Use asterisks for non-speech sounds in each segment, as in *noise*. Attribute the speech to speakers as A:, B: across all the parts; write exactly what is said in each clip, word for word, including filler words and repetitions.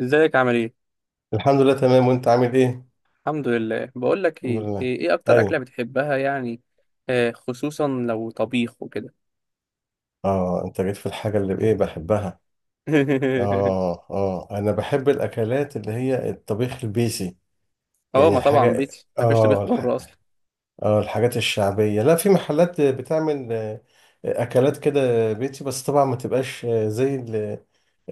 A: ازيك، عامل ايه؟
B: الحمد لله، تمام. وانت عامل ايه؟
A: الحمد لله. بقول لك
B: الحمد
A: ايه
B: لله.
A: ايه إيه اكتر اكله
B: ايوه.
A: بتحبها يعني؟ آه، خصوصا لو طبيخ وكده.
B: اه، انت جيت في الحاجه اللي ايه بحبها.
A: *laughs*
B: اه اه، انا بحب الاكلات اللي هي الطبيخ البيسي،
A: اه،
B: يعني
A: ما طبعا
B: الحاجه.
A: بيتي ما فيش طبيخ
B: اه الح...
A: بره اصلا.
B: اه الحاجات الشعبيه، لا، في محلات بتعمل آه، اكلات كده بيتي، بس طبعا ما تبقاش آه، زي ال...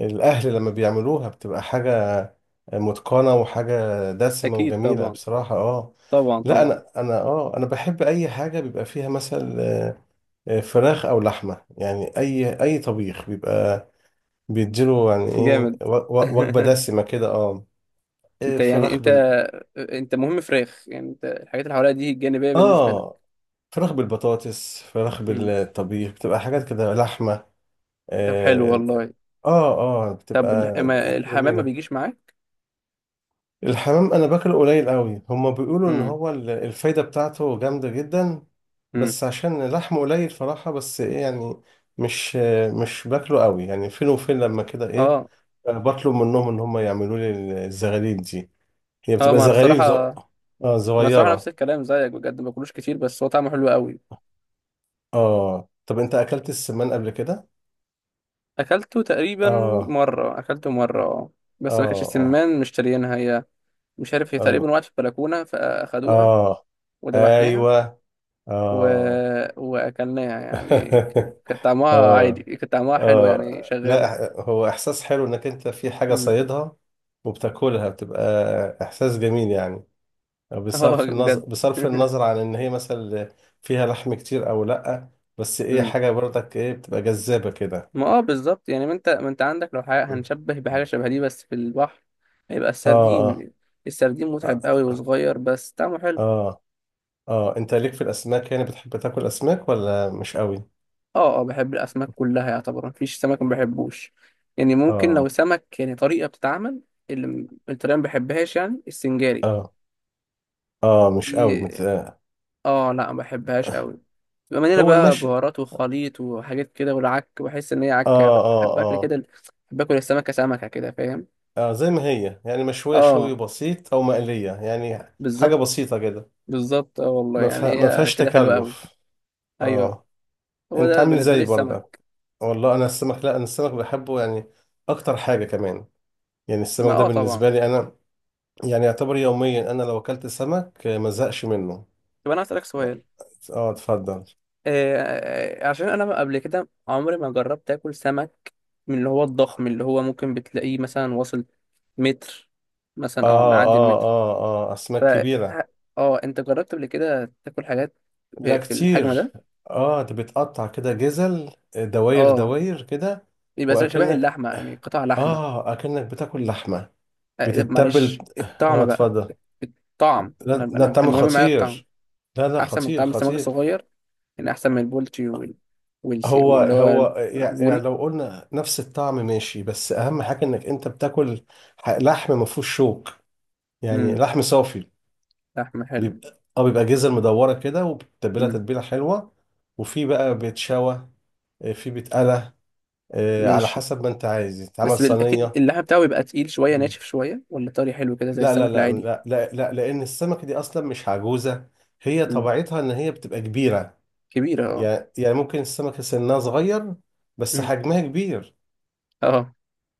B: الاهل لما بيعملوها بتبقى حاجه متقنه وحاجه دسمه
A: اكيد
B: وجميله
A: طبعا.
B: بصراحه. اه.
A: طبعا
B: لا
A: طبعا.
B: انا انا اه انا بحب اي حاجه بيبقى فيها مثلا فراخ او لحمه، يعني اي اي طبيخ بيبقى بيديله يعني ايه
A: جامد.
B: و- و- وجبه دسمه كده. اه.
A: *laughs*
B: إيه،
A: انت يعني
B: فراخ
A: انت
B: بال
A: انت مهم فراخ، يعني انت الحاجات اللي حواليها دي جانبيه بالنسبه
B: اه
A: لك؟
B: فراخ بالبطاطس، فراخ
A: امم.
B: بالطبيخ، بتبقى حاجات كده لحمه.
A: طب، حلو
B: اه.
A: والله.
B: اه آه،
A: طب،
B: بتبقى
A: الح- ما- الحمام ما
B: جميله.
A: بيجيش معاك؟
B: الحمام انا باكله قليل قوي، هما بيقولوا ان
A: امم.
B: هو ال- الفايدة بتاعته جامدة جدا،
A: امم.
B: بس عشان لحمه قليل صراحة، بس ايه يعني، مش مش باكله قوي، يعني فين وفين لما كده ايه.
A: اه،
B: آه، بطلب منهم ان هما يعملوا لي الزغاليل دي، هي
A: اه،
B: بتبقى
A: ما انا
B: زغاليل ز...
A: الصراحه
B: اه
A: انا الصراحه نفس
B: صغيرة.
A: الكلام زيك، بجد ما باكلوش كتير، بس هو طعمه حلو قوي.
B: اه، طب انت اكلت السمان قبل كده؟
A: اكلته تقريبا.
B: اه
A: مره، اكلته مره، آه.
B: اه
A: بس ما كانش
B: اه
A: سمان مشتريينها هي. مش عارف، هي
B: اه,
A: تقريبا وقعت في البلكونه فاخدوها
B: آه.
A: وذبحناها
B: ايوه.
A: و...
B: اه.
A: واكلناها، يعني ك-
B: *laughs*
A: كان طعمها عادي،
B: اه.
A: كان طعمها حلو يعني،
B: اه،
A: شغاله.
B: لا، هو احساس حلو انك انت في حاجه
A: امم.
B: صيدها وبتاكلها، بتبقى احساس جميل يعني،
A: اه،
B: بصرف النظر
A: بجد.
B: بصرف
A: *laughs*
B: النظر عن ان هي مثلا فيها لحم كتير او لا، بس ايه،
A: امم.
B: حاجه برضك ايه بتبقى جذابه كده.
A: ما اه بالظبط، يعني ما انت ما انت عندك، لو حاجة هنشبه بحاجه شبه دي بس في البحر هيبقى
B: اه اه
A: السردين. السردين متعب
B: اه
A: قوي وصغير، بس طعمه حلو.
B: اه اه انت ليك في الاسماك؟ يعني بتحب تاكل اسماك ولا مش قوي؟
A: اه، اه، بحب الاسماك كلها يعتبر، مفيش سمك ما بحبوش. يعني ممكن لو
B: اه.
A: سمك يعني طريقه بتتعمل، اللي م- الطريقه ما بحبهاش، يعني السنجاري
B: اه اه مش قوي
A: دي.
B: مت...
A: اه، لا، ما بحبهاش قوي. بما مليانه
B: هو
A: بقى
B: المشي.
A: بهارات
B: اه.
A: وخليط وحاجات كده والعك، بحس ان هي عكه
B: اه
A: أوي. بحب اكل
B: آه.
A: كده ال- بحب اكل السمكه سمكه كده، فاهم؟
B: اه، زي ما هي يعني مشوية شوي
A: اه،
B: بسيط او مقلية يعني، حاجة
A: بالظبط.
B: بسيطة كده،
A: بالظبط، اه والله
B: ما
A: يعني
B: فيها ما
A: هي
B: فيهاش
A: كده حلوه قوي.
B: تكلف.
A: ايوه،
B: اه.
A: هو
B: انت
A: ده
B: عامل
A: بالنسبه لي
B: زي برضه؟
A: السمك.
B: والله انا السمك لا انا السمك بحبه يعني اكتر حاجة كمان، يعني
A: ما
B: السمك ده
A: اه طبعا.
B: بالنسبة لي انا يعني يعتبر يوميا، انا لو اكلت سمك آه، ما زهقش منه
A: طب، انا هسألك
B: يعني.
A: سؤال.
B: اه، اتفضل.
A: آه آه، آه، عشان انا قبل كده عمري ما جربت اكل سمك من اللي هو الضخم، اللي هو ممكن بتلاقيه مثلا واصل متر، مثلا او
B: اه
A: معدي
B: اه
A: المتر.
B: اه اه
A: ف
B: اسماك كبيرة.
A: ه- اه انت جربت قبل كده تاكل حاجات
B: لا
A: في في الحجم
B: كتير.
A: ده؟
B: اه، ده بتقطع كده جزل، آه، دواير
A: اه،
B: دواير كده.
A: يبقى زي- شبه
B: واكنك
A: اللحمه، يعني قطع لحمه.
B: اه اكنك بتاكل لحمة.
A: آه،
B: بتتبل.
A: معلش
B: اه،
A: الطعم بقى.
B: اتفضل.
A: الطعم، انا
B: لا لا،
A: انا
B: طعم
A: المهم معايا الطعم.
B: خطير. لا لا،
A: احسن من
B: خطير
A: طعم السمك
B: خطير.
A: الصغير، يعني احسن من البولتي، وال والس-
B: هو
A: واللي هو
B: هو يع- يعني
A: البوري.
B: لو قلنا نفس الطعم ماشي، بس اهم حاجه انك انت بتاكل ح- لحم ما فيهوش شوك، يعني
A: امم.
B: لحم صافي،
A: لحمه حلو.
B: بيبقى اه بيبقى جزر مدوره كده، وبتتبلها
A: امم.
B: تتبيله حلوه، وفي بقى بيتشوى، آه، في بيتقلى، آه، على
A: ماشي.
B: حسب ما انت عايز يتعمل
A: بس بال- اكيد
B: صينيه.
A: اللحم بتاعه بيبقى تقيل شويه،
B: مم.
A: ناشف شويه، ولا طري حلو كده زي
B: لا لا
A: السمك
B: لا
A: العادي؟
B: لا لا, لا لان السمكه دي اصلا مش عجوزه، هي
A: إمم.
B: طبيعتها ان هي بتبقى كبيره،
A: كبيرة، اه.
B: يعني يعني ممكن السمكة سنها صغير بس
A: مم.
B: حجمها كبير،
A: اه،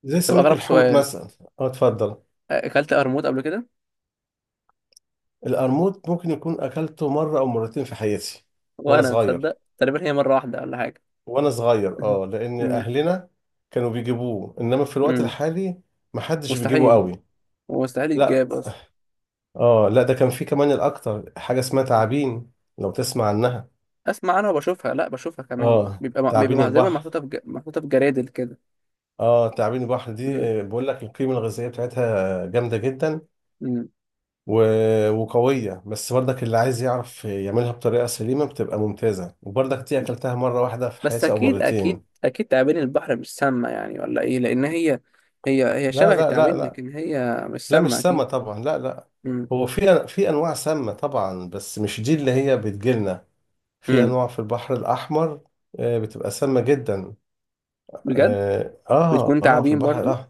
B: زي
A: طب،
B: سمك
A: أغرب
B: الحوت
A: سؤال.
B: مثلا. اه، اتفضل.
A: أكلت قرموط قبل كده؟
B: القرموط ممكن يكون أكلته مرة أو مرتين في حياتي، وأنا
A: وأنا،
B: صغير.
A: تصدق، تقريبا هي مرة واحدة ولا حاجة.
B: وأنا صغير
A: مم.
B: اه لأن
A: مم.
B: أهلنا كانوا بيجيبوه، إنما في الوقت
A: مم.
B: الحالي محدش بيجيبه
A: مستحيل،
B: قوي.
A: مستحيل
B: لا.
A: يتجاب أصلا.
B: اه، لا، ده كان في كمان الأكتر، حاجة اسمها
A: مم.
B: تعابين، لو تسمع عنها.
A: أسمع، أنا وبشوفها. لا، بشوفها كمان
B: اه،
A: بيبقى م- بيبقى
B: تعابين
A: مع- دايما
B: البحر.
A: محطوطة في ج... محطوطة في جرادل كده.
B: اه، تعابين البحر دي
A: مم.
B: آه، بقول لك القيمة الغذائية بتاعتها جامدة جدا
A: مم.
B: و- وقوية، بس برضك اللي عايز يعرف يعملها بطريقة سليمة بتبقى ممتازة، وبرضك دي أكلتها مرة واحدة في
A: بس
B: حياتي أو
A: أكيد،
B: مرتين.
A: أكيد، أكيد تعابين البحر مش سامة يعني، ولا إيه؟ لأن هي هي هي
B: لا
A: شبه
B: لا لا
A: التعابين،
B: لا،
A: لكن هي مش
B: لا
A: سامة
B: مش سامة
A: أكيد.
B: طبعا، لا لا.
A: مم.
B: هو في في أنواع سامة طبعا بس مش دي اللي هي بتجيلنا، في
A: مم.
B: أنواع في البحر الأحمر، آه، بتبقى سامة جدا.
A: بجد؟
B: اه اه
A: بتكون
B: آه، في
A: تعابين
B: البحر
A: برضو؟
B: الأحمر.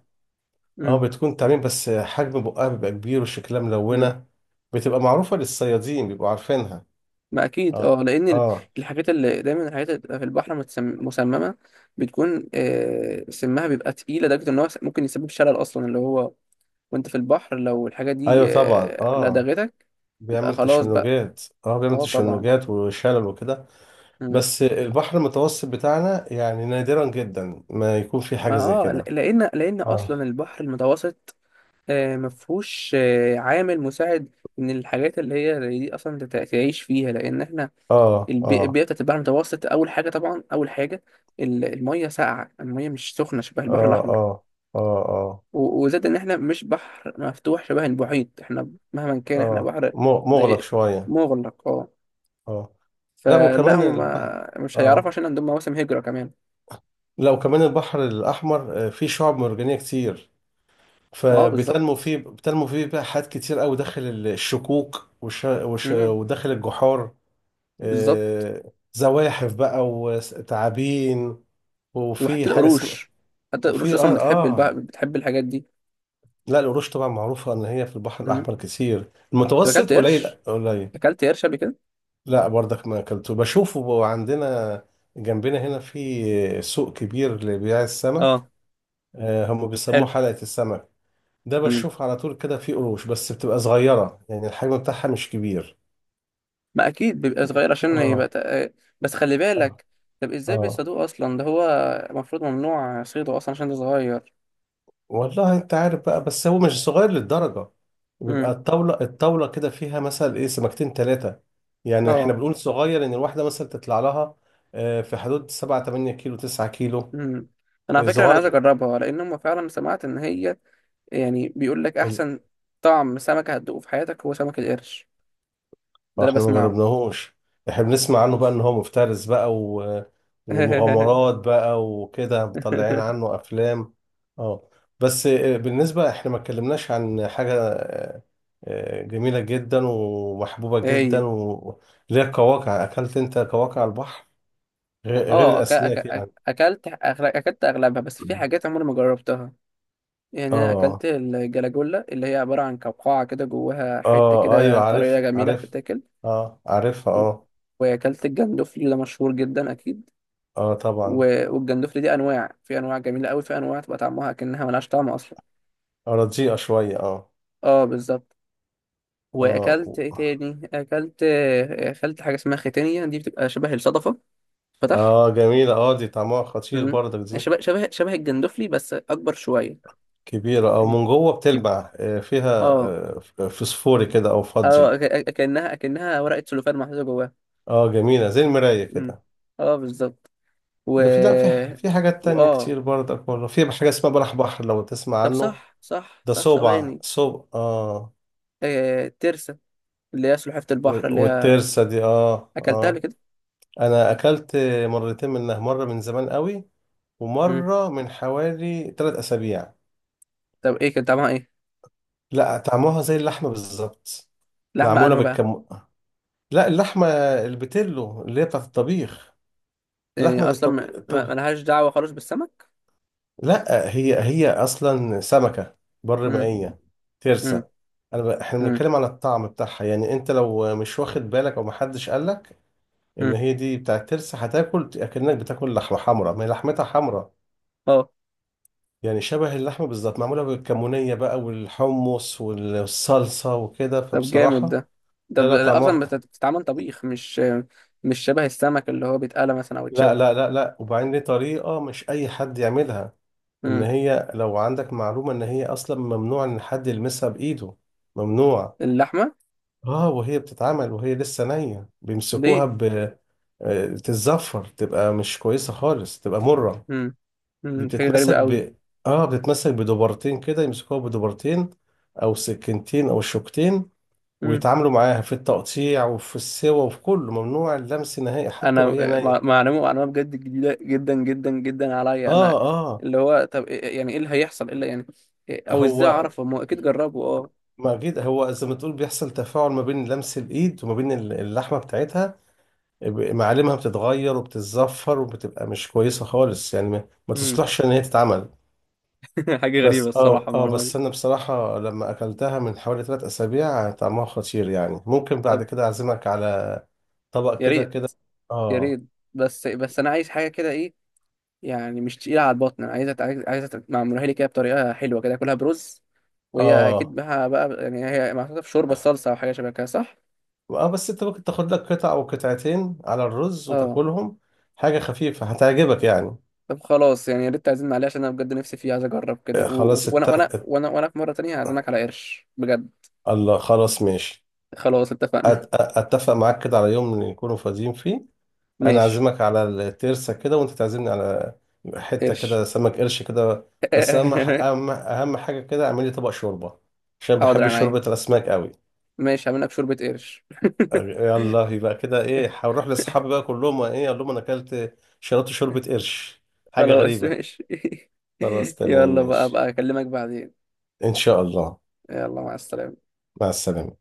B: اه،
A: مم.
B: بتكون تعميم بس حجم بقها بيبقى كبير وشكلها
A: مم.
B: ملونة، بتبقى معروفة للصيادين، بيبقوا عارفينها.
A: ما اكيد، اه
B: اه.
A: لان ال-
B: اه.
A: الحاجات اللي دايما، الحاجات اللي بتبقى في البحر متسم- مسممه، بتكون، آه، سمها بيبقى تقيل لدرجه ان هو س- ممكن يسبب شلل اصلا، اللي هو وانت في البحر لو الحاجه دي
B: ايوه طبعا،
A: آه،
B: اه،
A: لدغتك، يبقى
B: بيعمل
A: خلاص بقى.
B: تشنجات، اه، بيعمل
A: اه، طبعا.
B: تشنجات وشلل وكده.
A: مم.
B: بس البحر المتوسط بتاعنا يعني نادرا جدا ما يكون في حاجة
A: ما
B: زي
A: اه
B: كده.
A: ل- لان لان
B: اه.
A: اصلا البحر المتوسط آه، مفهوش آه، عامل مساعد ان الحاجات اللي هي زي دي اصلا تت- تعيش فيها، لان احنا
B: اه
A: البي-
B: اه
A: البيئه بتاعت البحر المتوسط، اول حاجه طبعا، اول حاجه ال- الميه ساقعه، الميه مش سخنه شبه البحر
B: اه
A: الاحمر.
B: اه اه اه
A: و- وزاد ان احنا مش بحر مفتوح شبه المحيط، احنا مهما كان احنا
B: اه
A: بحر
B: م- مغلق
A: زي
B: شوية.
A: مغلق، اه.
B: اه، لا
A: فلا
B: وكمان
A: هم
B: البحر،
A: ما مش هيعرفوا،
B: اه،
A: عشان عندهم مواسم هجرة كمان.
B: لا وكمان البحر الأحمر آه، فيه شعاب مرجانية كتير،
A: ما اه
B: فبتنمو
A: بالظبط.
B: فيه بتنمو فيه بقى حاجات كتير قوي داخل الشكوك وش... وش...
A: امم.
B: وداخل الجحار،
A: بالظبط.
B: آه، زواحف بقى وتعابين. وفي
A: وحتى
B: حاجة اسمها،
A: القروش. حتى القروش
B: وفي
A: اصلا
B: اه
A: بتحب البحر،
B: اه.
A: بتحب الحاجات دي.
B: لا، القروش طبعا معروفة ان هي في البحر
A: امم.
B: الأحمر كتير،
A: طب،
B: المتوسط
A: اكلت
B: قليل
A: قرش
B: قليل.
A: اكلت قرش قبل كده؟
B: لا برضك ما اكلته، بشوفه عندنا جنبنا هنا في سوق كبير لبيع السمك،
A: اه،
B: آه، هم بيسموه
A: حلو.
B: حلقة السمك، ده
A: مم.
B: بشوف على طول كده في قروش، بس بتبقى صغيرة يعني الحجم بتاعها مش كبير.
A: ما اكيد بيبقى صغير عشان يبقى
B: اه
A: تق... بس خلي
B: اه.
A: بالك. طب، ازاي
B: اه،
A: بيصيدوه اصلا؟ ده هو المفروض ممنوع صيده اصلا، عشان ده صغير.
B: والله انت عارف بقى، بس هو مش صغير للدرجة، بيبقى
A: امم.
B: الطاولة الطاولة كده فيها مثلا ايه سمكتين ثلاثة، يعني احنا
A: اه.
B: بنقول صغير ان الواحدة مثلا تطلع لها آه، في حدود سبعة تمانية كيلو تسعة كيلو
A: امم. انا على فكره، انا عايز
B: صغير،
A: اجربها، لان هم فعلا، سمعت ان هي يعني بيقول لك احسن طعم سمك هتدوقه في حياتك هو سمك القرش. ده انا
B: فاحنا ما
A: بسمعه.
B: جربناهوش، احنا بنسمع عنه بقى ان هو مفترس بقى و... ومغامرات بقى وكده، مطلعين
A: *laughs*
B: عنه افلام. اه. بس آه، بالنسبة احنا ما اتكلمناش عن حاجة آه، آه، جميلة جدا ومحبوبة جدا
A: هي،
B: و- اللي هي القواقع، اكلت انت قواقع على البحر؟ غير غير
A: اه أك... أك...
B: الاسماك
A: أك-
B: يعني.
A: اكلت أغل... اكلت اغلبها، بس في
B: *laughs*
A: حاجات عمري ما جربتها. يعني انا
B: اه.
A: اكلت الجلاجولا، اللي هي عباره عن قوقعه كده جواها حته
B: اه، ايوه
A: كده طريه
B: عارف
A: جميله
B: عارف،
A: بتتاكل.
B: اه عارفها
A: و-
B: اه.
A: واكلت الجندفلي، ده مشهور جدا اكيد.
B: اه طبعا.
A: و- والجندفلي دي انواع، في انواع جميله قوي، في انواع تبقى طعمها كأنها ملهاش طعم اصلا.
B: آه، رديئة شوية اه.
A: اه، بالظبط. واكلت
B: اه.
A: ايه تاني، اكلت اكلت حاجه اسمها ختانيه، دي بتبقى شبه الصدفه فتح.
B: اه جميلة، اه، دي طعمها خطير
A: مم.
B: برضك دي.
A: شبه شبه شبه الجندفلي بس اكبر شويه
B: كبيرة، او
A: يعني.
B: من جوه بتلمع آه، فيها
A: اه،
B: آه، ف- فسفوري كده او فضي.
A: اه، أك- أك- كأنها كأنها ورقه سلوفان محطوطه جواها.
B: اه جميلة زي المراية
A: مم.
B: كده.
A: اه، بالظبط. و
B: ده في لا في في حاجات تانية
A: وآه
B: كتير برضك والله، في حاجة اسمها بلح بحر، لو تسمع
A: طب،
B: عنه.
A: صح، صح،
B: ده
A: صح،
B: صوبع
A: ثواني.
B: صوب اه.
A: آه... ترسة، اللي هي سلحفاة البحر،
B: و-
A: اللي هي
B: والترسة دي اه.
A: أكلتها قبل
B: اه،
A: كده؟
B: انا اكلت مرتين منها، مرة من زمان قوي،
A: مم.
B: ومرة من حوالي ثلاث اسابيع.
A: طب، إيه كان طعمها إيه؟
B: لا طعمها زي اللحمة بالظبط،
A: لحمة أنهو
B: معمولة.
A: بقى؟
B: لا اللحمة البتلو اللي هي بتاعت الطبيخ.
A: يعني
B: لحمة
A: أصلا، ما
B: الطبيخ
A: ما-
B: الطب...
A: ملهاش دعوة خالص بالسمك؟
B: لا هي هي أصلا سمكة بر
A: مم.
B: مائية،
A: مم.
B: ترسة. أنا ب... إحنا
A: مم.
B: بنتكلم على الطعم بتاعها، يعني أنت لو مش واخد بالك أو محدش قالك إن
A: مم.
B: هي دي بتاعت ترسة، هتاكل أكنك بتاكل لحمة حمرا، ما هي لحمتها حمرا،
A: آه.
B: يعني شبه اللحمة بالظبط، معمولة بالكمونية بقى والحمص والصلصة وكده،
A: طب، جامد
B: فبصراحة.
A: ده.
B: لا
A: طب،
B: لا
A: أصلا بت-
B: طعمها
A: بتتعمل طبيخ، مش مش شبه السمك اللي هو بيتقلى مثلا أو
B: لا
A: يتشوى؟
B: لا لا لا، وبعدين دي طريقة مش أي حد يعملها، ان
A: مم.
B: هي لو عندك معلومة ان هي اصلا ممنوع ان حد يلمسها بايده، ممنوع.
A: اللحمة؟
B: اه، وهي بتتعمل وهي لسه نية بيمسكوها
A: ليه؟
B: ب، آه، تتزفر، تبقى مش كويسة خالص، تبقى مرة.
A: مم.
B: دي
A: مم. حاجة غريبة
B: بتتمسك
A: قوي.
B: ب، اه بتتمسك بدبرتين كده، يمسكوها بدبرتين او سكينتين او شوكتين، ويتعاملوا معاها في التقطيع وفي السوا وفي كله، ممنوع اللمس نهائي حتى
A: انا
B: وهي
A: مع-
B: نية.
A: معلومه معلومه بجد جديده جدا جدا جدا عليا
B: اه.
A: انا.
B: اه.
A: اللي هو، طب، إيه- يعني ايه اللي هيحصل الا يعني؟ إيه- او ازاي
B: هو
A: اعرف؟ هم اكيد جربوا. اه.
B: ما أكيد هو زي ما تقول بيحصل تفاعل ما بين لمس الإيد وما بين ال- اللحمة بتاعتها، ب- معالمها بتتغير وبتتزفر وبتبقى مش كويسة خالص، يعني ما, ما
A: امم.
B: تصلحش إن هي تتعمل.
A: *laughs* حاجه
B: بس
A: غريبه
B: اه
A: الصراحه
B: اه
A: المعلومه
B: بس
A: دي.
B: أنا بصراحة لما أكلتها من حوالي ثلاث أسابيع طعمها خطير، يعني ممكن بعد
A: طب،
B: كده أعزمك على طبق
A: يا
B: كده
A: ريت،
B: كده.
A: يا
B: اه.
A: ريت. بس بس انا عايز حاجه كده ايه، يعني مش تقيله على البطن، انا عايزه عايز عايزه معمولها لي كده بطريقه حلوه كده اكلها برز. وهي اكيد
B: اه.
A: بها بقى، يعني هي محطوطه في شوربه صلصه، او حاجه شبه كده، صح؟
B: اه، بس أنت ممكن تاخد لك قطعة أو قطعتين على الرز
A: اه.
B: وتاكلهم، حاجة خفيفة هتعجبك يعني.
A: طب، خلاص يعني، يا ريت تعزمنا عليه، عشان انا بجد نفسي فيه، عايز اجرب كده،
B: آه،
A: و- و-
B: خلاص
A: وانا
B: الت...
A: وانا وانا وانا في مره تانية هعزمك على قرش بجد.
B: الله، خلاص ماشي.
A: خلاص
B: أت-
A: اتفقنا.
B: اتفق معاك كده على يوم نكونوا فاضيين فيه، انا
A: ماشي.
B: اعزمك على الترسه كده وانت تعزمني على حته
A: قرش.
B: كده سمك قرش كده. بس اهم ح-
A: *laughs*
B: اهم اهم حاجه كده اعمل لي طبق شوربه، عشان
A: حاضر
B: بحب
A: عينيا،
B: شوربه الاسماك قوي.
A: ماشي، هعمل لك شوربه قرش.
B: يلا يبقى كده ايه، هروح لاصحابي بقى كلهم ايه، اقول لهم انا اكلت شربت شوربه قرش،
A: *laughs*
B: حاجه
A: خلاص،
B: غريبه.
A: ماشي.
B: خلاص
A: *laughs*
B: تمام
A: يلا، بقى
B: ماشي،
A: بقى اكلمك بعدين.
B: ان شاء الله.
A: يلا، مع السلامه.
B: مع السلامه.